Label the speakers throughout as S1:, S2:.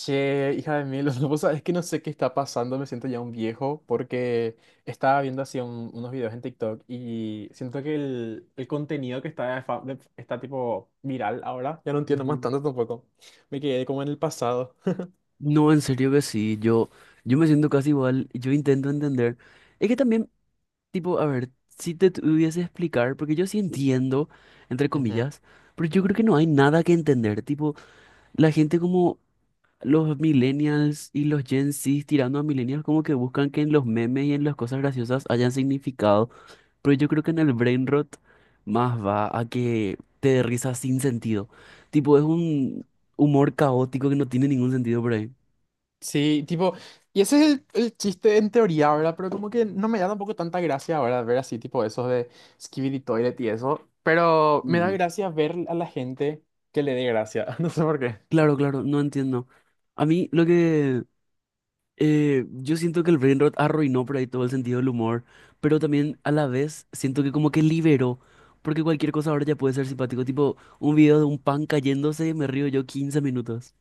S1: Che, hija de mil, vos sabés que no sé qué está pasando, me siento ya un viejo porque estaba viendo así unos videos en TikTok y siento que el contenido que está, está tipo viral ahora, ya no entiendo más
S2: Ujú.
S1: tanto tampoco. Me quedé como en el pasado.
S2: No, en serio que sí, yo me siento casi igual, yo intento entender. Es que también, tipo, a ver, si te tuviese explicar, porque yo sí entiendo, entre
S1: Ujú.
S2: comillas, pero yo creo que no hay nada que entender. Tipo, la gente como los millennials y los Gen Z tirando a millennials como que buscan que en los memes y en las cosas graciosas hayan significado, pero yo creo que en el brain rot más va a que te dé risa sin sentido. Tipo, es un humor caótico que no tiene ningún sentido por ahí.
S1: Sí, tipo, y ese es el chiste en teoría, ¿verdad? Pero como que no me da tampoco tanta gracia ahora ver así, tipo, esos de Skibidi Toilet y eso. Pero me da
S2: Mm.
S1: gracia ver a la gente que le dé gracia, no sé por qué.
S2: Claro, claro, no entiendo. A mí lo que yo siento que el brain rot arruinó por ahí todo el sentido del humor, pero también a la vez siento que como que liberó, porque cualquier cosa ahora ya puede ser simpático, tipo un video de un pan cayéndose, me río yo 15 minutos.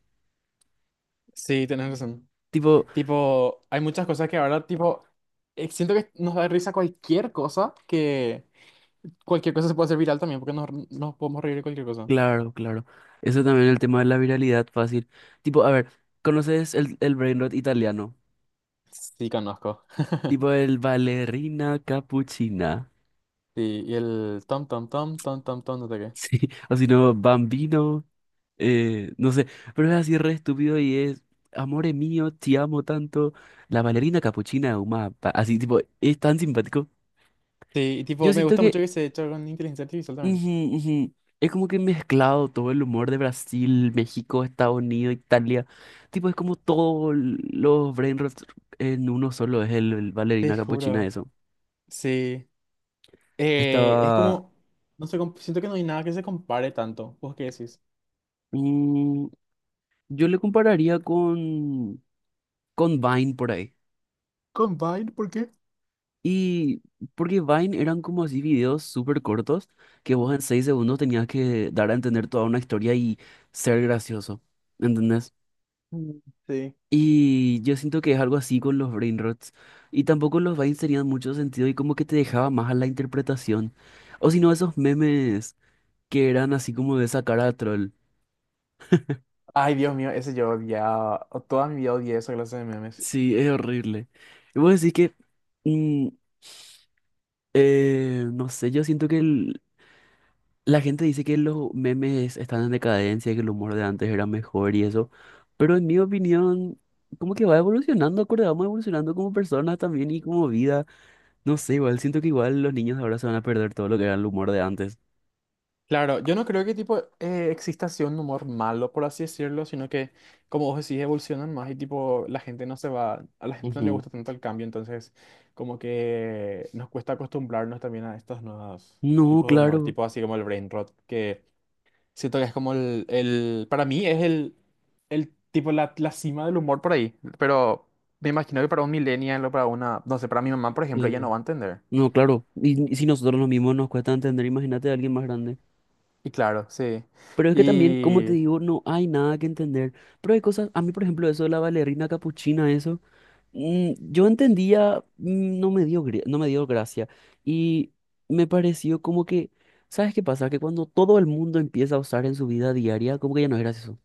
S1: Sí, tenés razón.
S2: Tipo,
S1: Tipo, hay muchas cosas que ahora, tipo, siento que nos da risa cualquier cosa, que cualquier cosa se puede hacer viral también, porque nos podemos reír de cualquier cosa.
S2: claro, claro. Eso también el tema de la viralidad fácil. Tipo, a ver, ¿conoces el brain rot italiano?
S1: Sí, conozco.
S2: Tipo el ballerina cappuccina.
S1: Sí, y el tom, tom, tom, tom, tom, tom, no sé qué.
S2: Sí, o si no, bambino. No sé, pero es así re estúpido y es, amore mío, te amo tanto. La bailarina capuchina de Uma, pa- así tipo, es tan simpático.
S1: Sí, y
S2: Yo
S1: tipo, me
S2: siento
S1: gusta
S2: que
S1: mucho que se hecho con inteligencia artificial también.
S2: ujú, ujú, es como que mezclado todo el humor de Brasil, México, Estados Unidos, Italia. Tipo, es como todos los brain rots en uno solo, es el
S1: Te
S2: bailarina capuchina
S1: juro.
S2: eso.
S1: Sí. Es
S2: Estaba...
S1: como, no sé, siento que no hay nada que se compare tanto. ¿Vos qué decís?
S2: mm, yo le compararía con Vine por ahí.
S1: Combine, ¿por qué?
S2: Y porque Vine eran como así videos súper cortos que vos en 6 segundos tenías que dar a entender toda una historia y ser gracioso, ¿entendés?
S1: Mm, sí.
S2: Y yo siento que es algo así con los brain rots. Y tampoco los Vines tenían mucho sentido y como que te dejaba más a la interpretación. O si no, esos memes que eran así como de esa cara de troll.
S1: Ay, Dios mío, ese yo odiaba. Toda mi vida odié esa clase de memes.
S2: Sí, es horrible. Y vos decís que, mm, no sé, yo siento que la gente dice que los memes están en decadencia, que el humor de antes era mejor y eso, pero en mi opinión, como que va evolucionando, acorde, vamos evolucionando como personas también y como vida. No sé, igual siento que igual los niños de ahora se van a perder todo lo que era el humor de antes.
S1: Claro, yo no creo que tipo exista así un humor malo, por así decirlo, sino que, como vos decís, evolucionan más y tipo la gente no se va, a la gente no le
S2: Ujú.
S1: gusta tanto el cambio, entonces como que nos cuesta acostumbrarnos también a estos nuevos
S2: No,
S1: tipos de humor,
S2: claro.
S1: tipo así como el brain rot, que siento que es como el para mí es el tipo la cima del humor por ahí, pero me imagino que para un millennial o para una, no sé, para mi mamá, por ejemplo, ella no
S2: Sí.
S1: va a entender.
S2: No, claro. Y si nosotros los mismos nos cuesta entender, imagínate a alguien más grande.
S1: Y claro, sí.
S2: Pero es que también, como te
S1: Y.
S2: digo, no hay nada que entender. Pero hay cosas, a mí por ejemplo, eso de la bailarina capuchina, eso. Yo entendía, no me dio, gri- no me dio gracia y me pareció como que, ¿sabes qué pasa? Que cuando todo el mundo empieza a usar en su vida diaria, como que ya no es gracioso.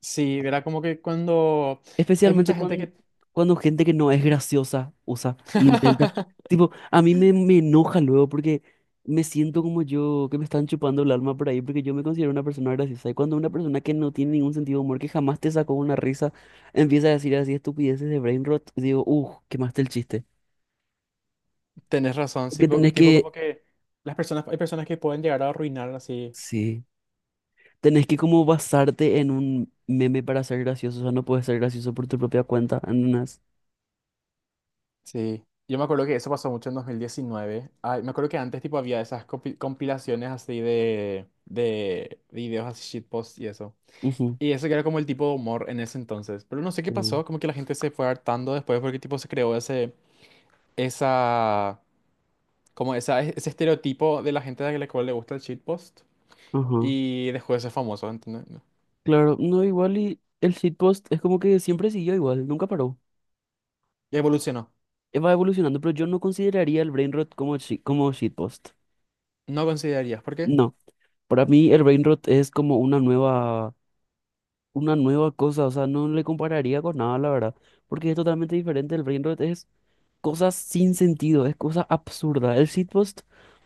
S1: Sí, era como que cuando hay
S2: Especialmente
S1: mucha gente
S2: cuando,
S1: que.
S2: cuando gente que no es graciosa usa e intenta. Tipo, a mí me enoja luego porque me siento como yo, que me están chupando el alma por ahí porque yo me considero una persona graciosa. Y cuando una persona que no tiene ningún sentido de humor, que jamás te sacó una risa, empieza a decir así estupideces de brain rot, digo, uff, quemaste el chiste.
S1: Tenés razón, sí,
S2: Que tenés
S1: tipo
S2: que,
S1: como que las personas, hay personas que pueden llegar a arruinar así.
S2: sí, tenés que como basarte en un meme para ser gracioso, o sea, no puedes ser gracioso por tu propia cuenta, en unas...
S1: Sí, yo me acuerdo que eso pasó mucho en 2019. Ay, me acuerdo que antes tipo había esas compilaciones así de videos así shitpost y eso.
S2: Ujú.
S1: Y eso que era como el tipo de humor en ese entonces. Pero no sé qué
S2: Sí.
S1: pasó, como que la gente se fue hartando después porque tipo se creó ese, esa, como esa, ese estereotipo de la gente a la cual le gusta el shitpost.
S2: Ajá.
S1: Y dejó de ser famoso, ¿entendés?
S2: Claro, no, igual y el shitpost es como que siempre siguió igual, nunca paró.
S1: Evolucionó.
S2: Va evolucionando, pero yo no consideraría el brain rot como, shi- como shitpost.
S1: No considerarías, ¿por qué?
S2: No, para mí el brain rot es como una nueva cosa, o sea, no le compararía con nada, la verdad, porque es totalmente diferente. El brain rot es cosas sin sentido, es cosa absurda. El shitpost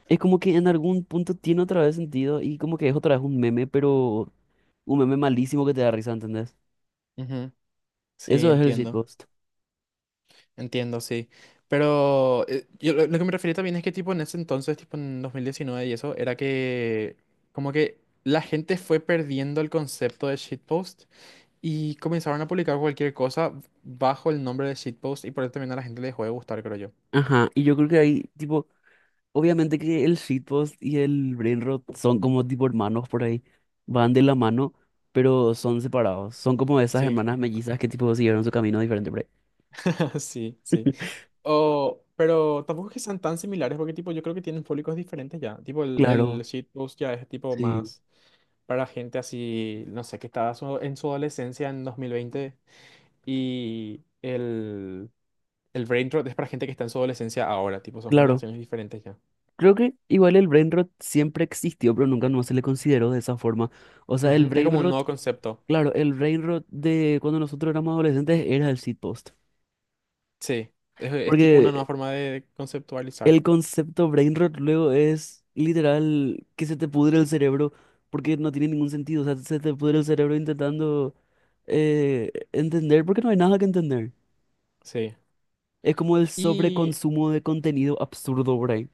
S2: es como que en algún punto tiene otra vez sentido y como que es otra vez un meme, pero un meme malísimo que te da risa, ¿entendés?
S1: Ujú, sí,
S2: Eso es el
S1: entiendo,
S2: shitpost.
S1: entiendo, sí. Pero yo lo que me refería también es que tipo en ese entonces, tipo en 2019 y eso, era que como que la gente fue perdiendo el concepto de shitpost y comenzaron a publicar cualquier cosa bajo el nombre de shitpost y por eso también a la gente le dejó de gustar, creo yo.
S2: Ajá, y yo creo que ahí, tipo, obviamente que el shitpost y el brain rot son como tipo hermanos por ahí, van de la mano, pero son separados. Son como esas
S1: Sí,
S2: hermanas mellizas que tipo siguieron su camino diferente por ahí.
S1: sí, sí. O, pero tampoco es que sean tan similares porque tipo yo creo que tienen públicos diferentes ya. Tipo el
S2: Claro,
S1: shitpost ya es tipo
S2: sí,
S1: más para gente así, no sé, que estaba en su adolescencia en 2020 y el brain rot es para gente que está en su adolescencia ahora, tipo son
S2: claro.
S1: generaciones diferentes ya.
S2: Creo que igual el brain rot siempre existió, pero nunca no se le consideró de esa forma. O sea, el
S1: Ujú. Es
S2: brain
S1: como un
S2: rot,
S1: nuevo concepto,
S2: claro, el brain rot de cuando nosotros éramos adolescentes era el shitpost.
S1: sí. Es tipo una nueva
S2: Porque
S1: forma de conceptualizar,
S2: el concepto brain rot luego es literal que se te pudre el cerebro porque no tiene ningún sentido. O sea, se te pudre el cerebro intentando entender porque no hay nada que entender.
S1: sí.
S2: Es como el
S1: Y
S2: sobreconsumo de contenido absurdo brain.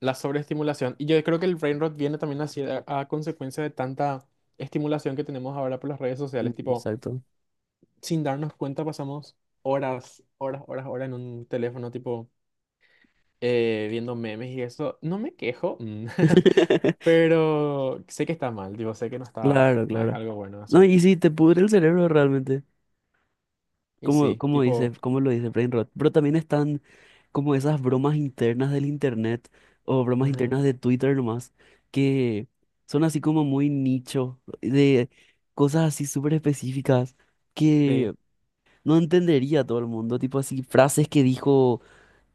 S1: la sobreestimulación. Y yo creo que el brain rot viene también así a consecuencia de tanta estimulación que tenemos ahora por las redes
S2: Mm,
S1: sociales. Tipo,
S2: exacto.
S1: sin darnos cuenta pasamos horas, horas, horas, horas en un teléfono, tipo, viendo memes y eso. No me quejo, pero sé que está mal. Digo, sé que no está,
S2: Claro,
S1: no es
S2: claro.
S1: algo bueno de
S2: No,
S1: hacer.
S2: y sí, te pudre el cerebro realmente.
S1: Y
S2: Como,
S1: sí,
S2: como dice,
S1: tipo,
S2: como lo dice brain rot. Pero también están como esas bromas internas del internet o bromas
S1: ujú,
S2: internas de Twitter nomás, que son así como muy nicho, de cosas así súper específicas
S1: sí,
S2: que no entendería todo el mundo. Tipo así, frases que dijo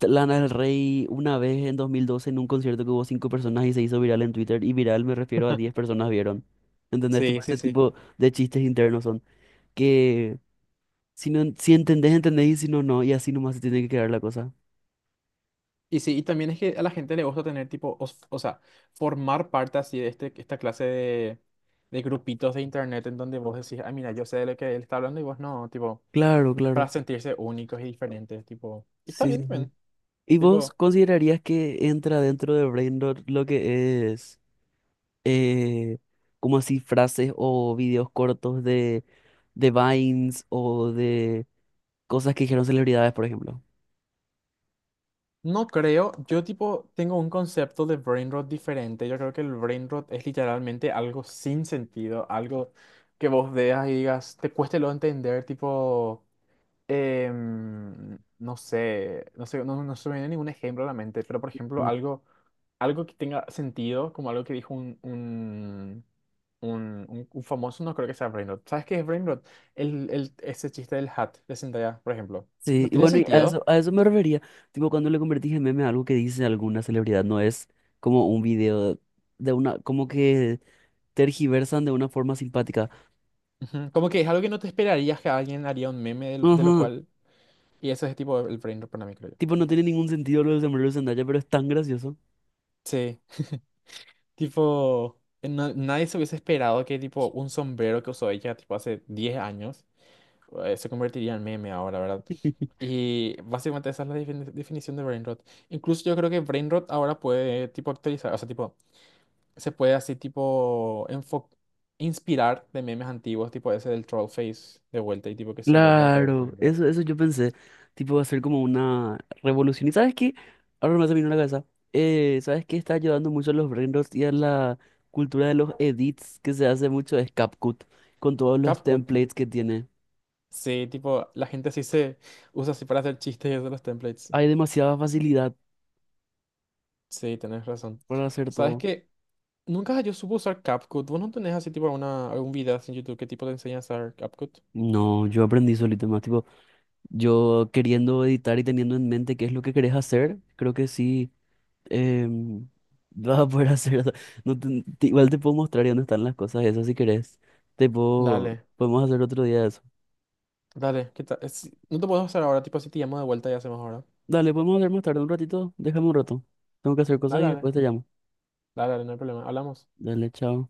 S2: Lana del Rey una vez en 2012 en un concierto que hubo cinco personas y se hizo viral en Twitter. Y viral me refiero a 10 personas vieron. ¿Entendés? Tipo
S1: sí, sí,
S2: ese
S1: sí.
S2: tipo de chistes internos son que si no, en- si entendés, entendés, y si no, no, y así nomás se tiene que quedar la cosa.
S1: Y sí, y también es que a la gente le gusta tener tipo, o sea, formar parte así de esta clase de grupitos de internet en donde vos decís, ah, mira, yo sé de lo que él está hablando y vos no, tipo,
S2: Claro,
S1: para
S2: claro.
S1: sentirse únicos y diferentes, tipo, y está
S2: Sí,
S1: bien
S2: sí, sí.
S1: también,
S2: ¿Y vos
S1: tipo,
S2: considerarías que entra dentro de Braindot lo que es eh, como así frases o videos cortos de Vines o de cosas que dijeron celebridades, por ejemplo?
S1: no creo, yo tipo, tengo un concepto de brain rot diferente, yo creo que el brain rot es literalmente algo sin sentido, algo que vos veas y digas, te cueste lo entender, tipo. No sé, no sé, no, no se me viene ningún ejemplo a la mente, pero por ejemplo,
S2: Mm.
S1: algo, algo que tenga sentido, como algo que dijo un famoso, no creo que sea Brain Rot. ¿Sabes qué es Brain Rot? Ese chiste del hat de Zendaya, por ejemplo.
S2: Sí,
S1: No
S2: y
S1: tiene
S2: bueno, y
S1: sentido.
S2: a eso me refería. Tipo, cuando le convertís en meme a algo que dice alguna celebridad, no es como un video de una, como que tergiversan de una forma simpática.
S1: Ujú, como que es algo que no te esperarías que alguien haría un meme de lo
S2: Ajá.
S1: cual. Y eso es tipo el Brain Rot para mí, creo yo.
S2: Tipo, no tiene ningún sentido lo del sombrero de Zendaya, pero es tan gracioso.
S1: Sí, tipo, nadie se hubiese esperado que tipo un sombrero que usó ella tipo hace 10 años se convertiría en meme ahora, ¿verdad? Y básicamente esa es la definición de brain rot. Incluso yo creo que brain rot ahora puede tipo actualizar, o sea, tipo, se puede así tipo inspirar de memes antiguos, tipo ese del troll face de vuelta y tipo que se vuelva otra vez
S2: Claro,
S1: brain rot.
S2: eso yo pensé. Tipo, va a ser como una revolución. ¿Y sabes qué? Ahora me se me vino a la cabeza. ¿Sabes qué? Está ayudando mucho a los brain y a la cultura de los edits que se hace mucho es CapCut, con todos los
S1: CapCut.
S2: templates que tiene.
S1: Sí, tipo, la gente así se usa así para hacer chistes de los templates.
S2: Hay demasiada facilidad
S1: Sí, tenés razón.
S2: para hacer
S1: ¿Sabes
S2: todo.
S1: qué? Nunca yo supe usar CapCut. ¿Vos no tenés así tipo algún video así en YouTube que tipo te enseña a usar CapCut?
S2: No, yo aprendí solito más. Tipo, yo queriendo editar y teniendo en mente qué es lo que querés hacer, creo que sí. em, Vas a poder hacer, o sea, no igual te puedo mostrar y dónde están las cosas esas si querés. Te puedo,
S1: Dale.
S2: podemos hacer otro día eso.
S1: Dale, ¿qué tal? No te puedo hacer ahora, tipo, si te llamo de vuelta y hacemos ahora.
S2: Dale, podemos hacer más tarde un ratito. Déjame un rato. Tengo que hacer cosas
S1: Dale,
S2: y
S1: dale,
S2: después te llamo.
S1: dale, dale, no hay problema. Hablamos.
S2: Dale, chao.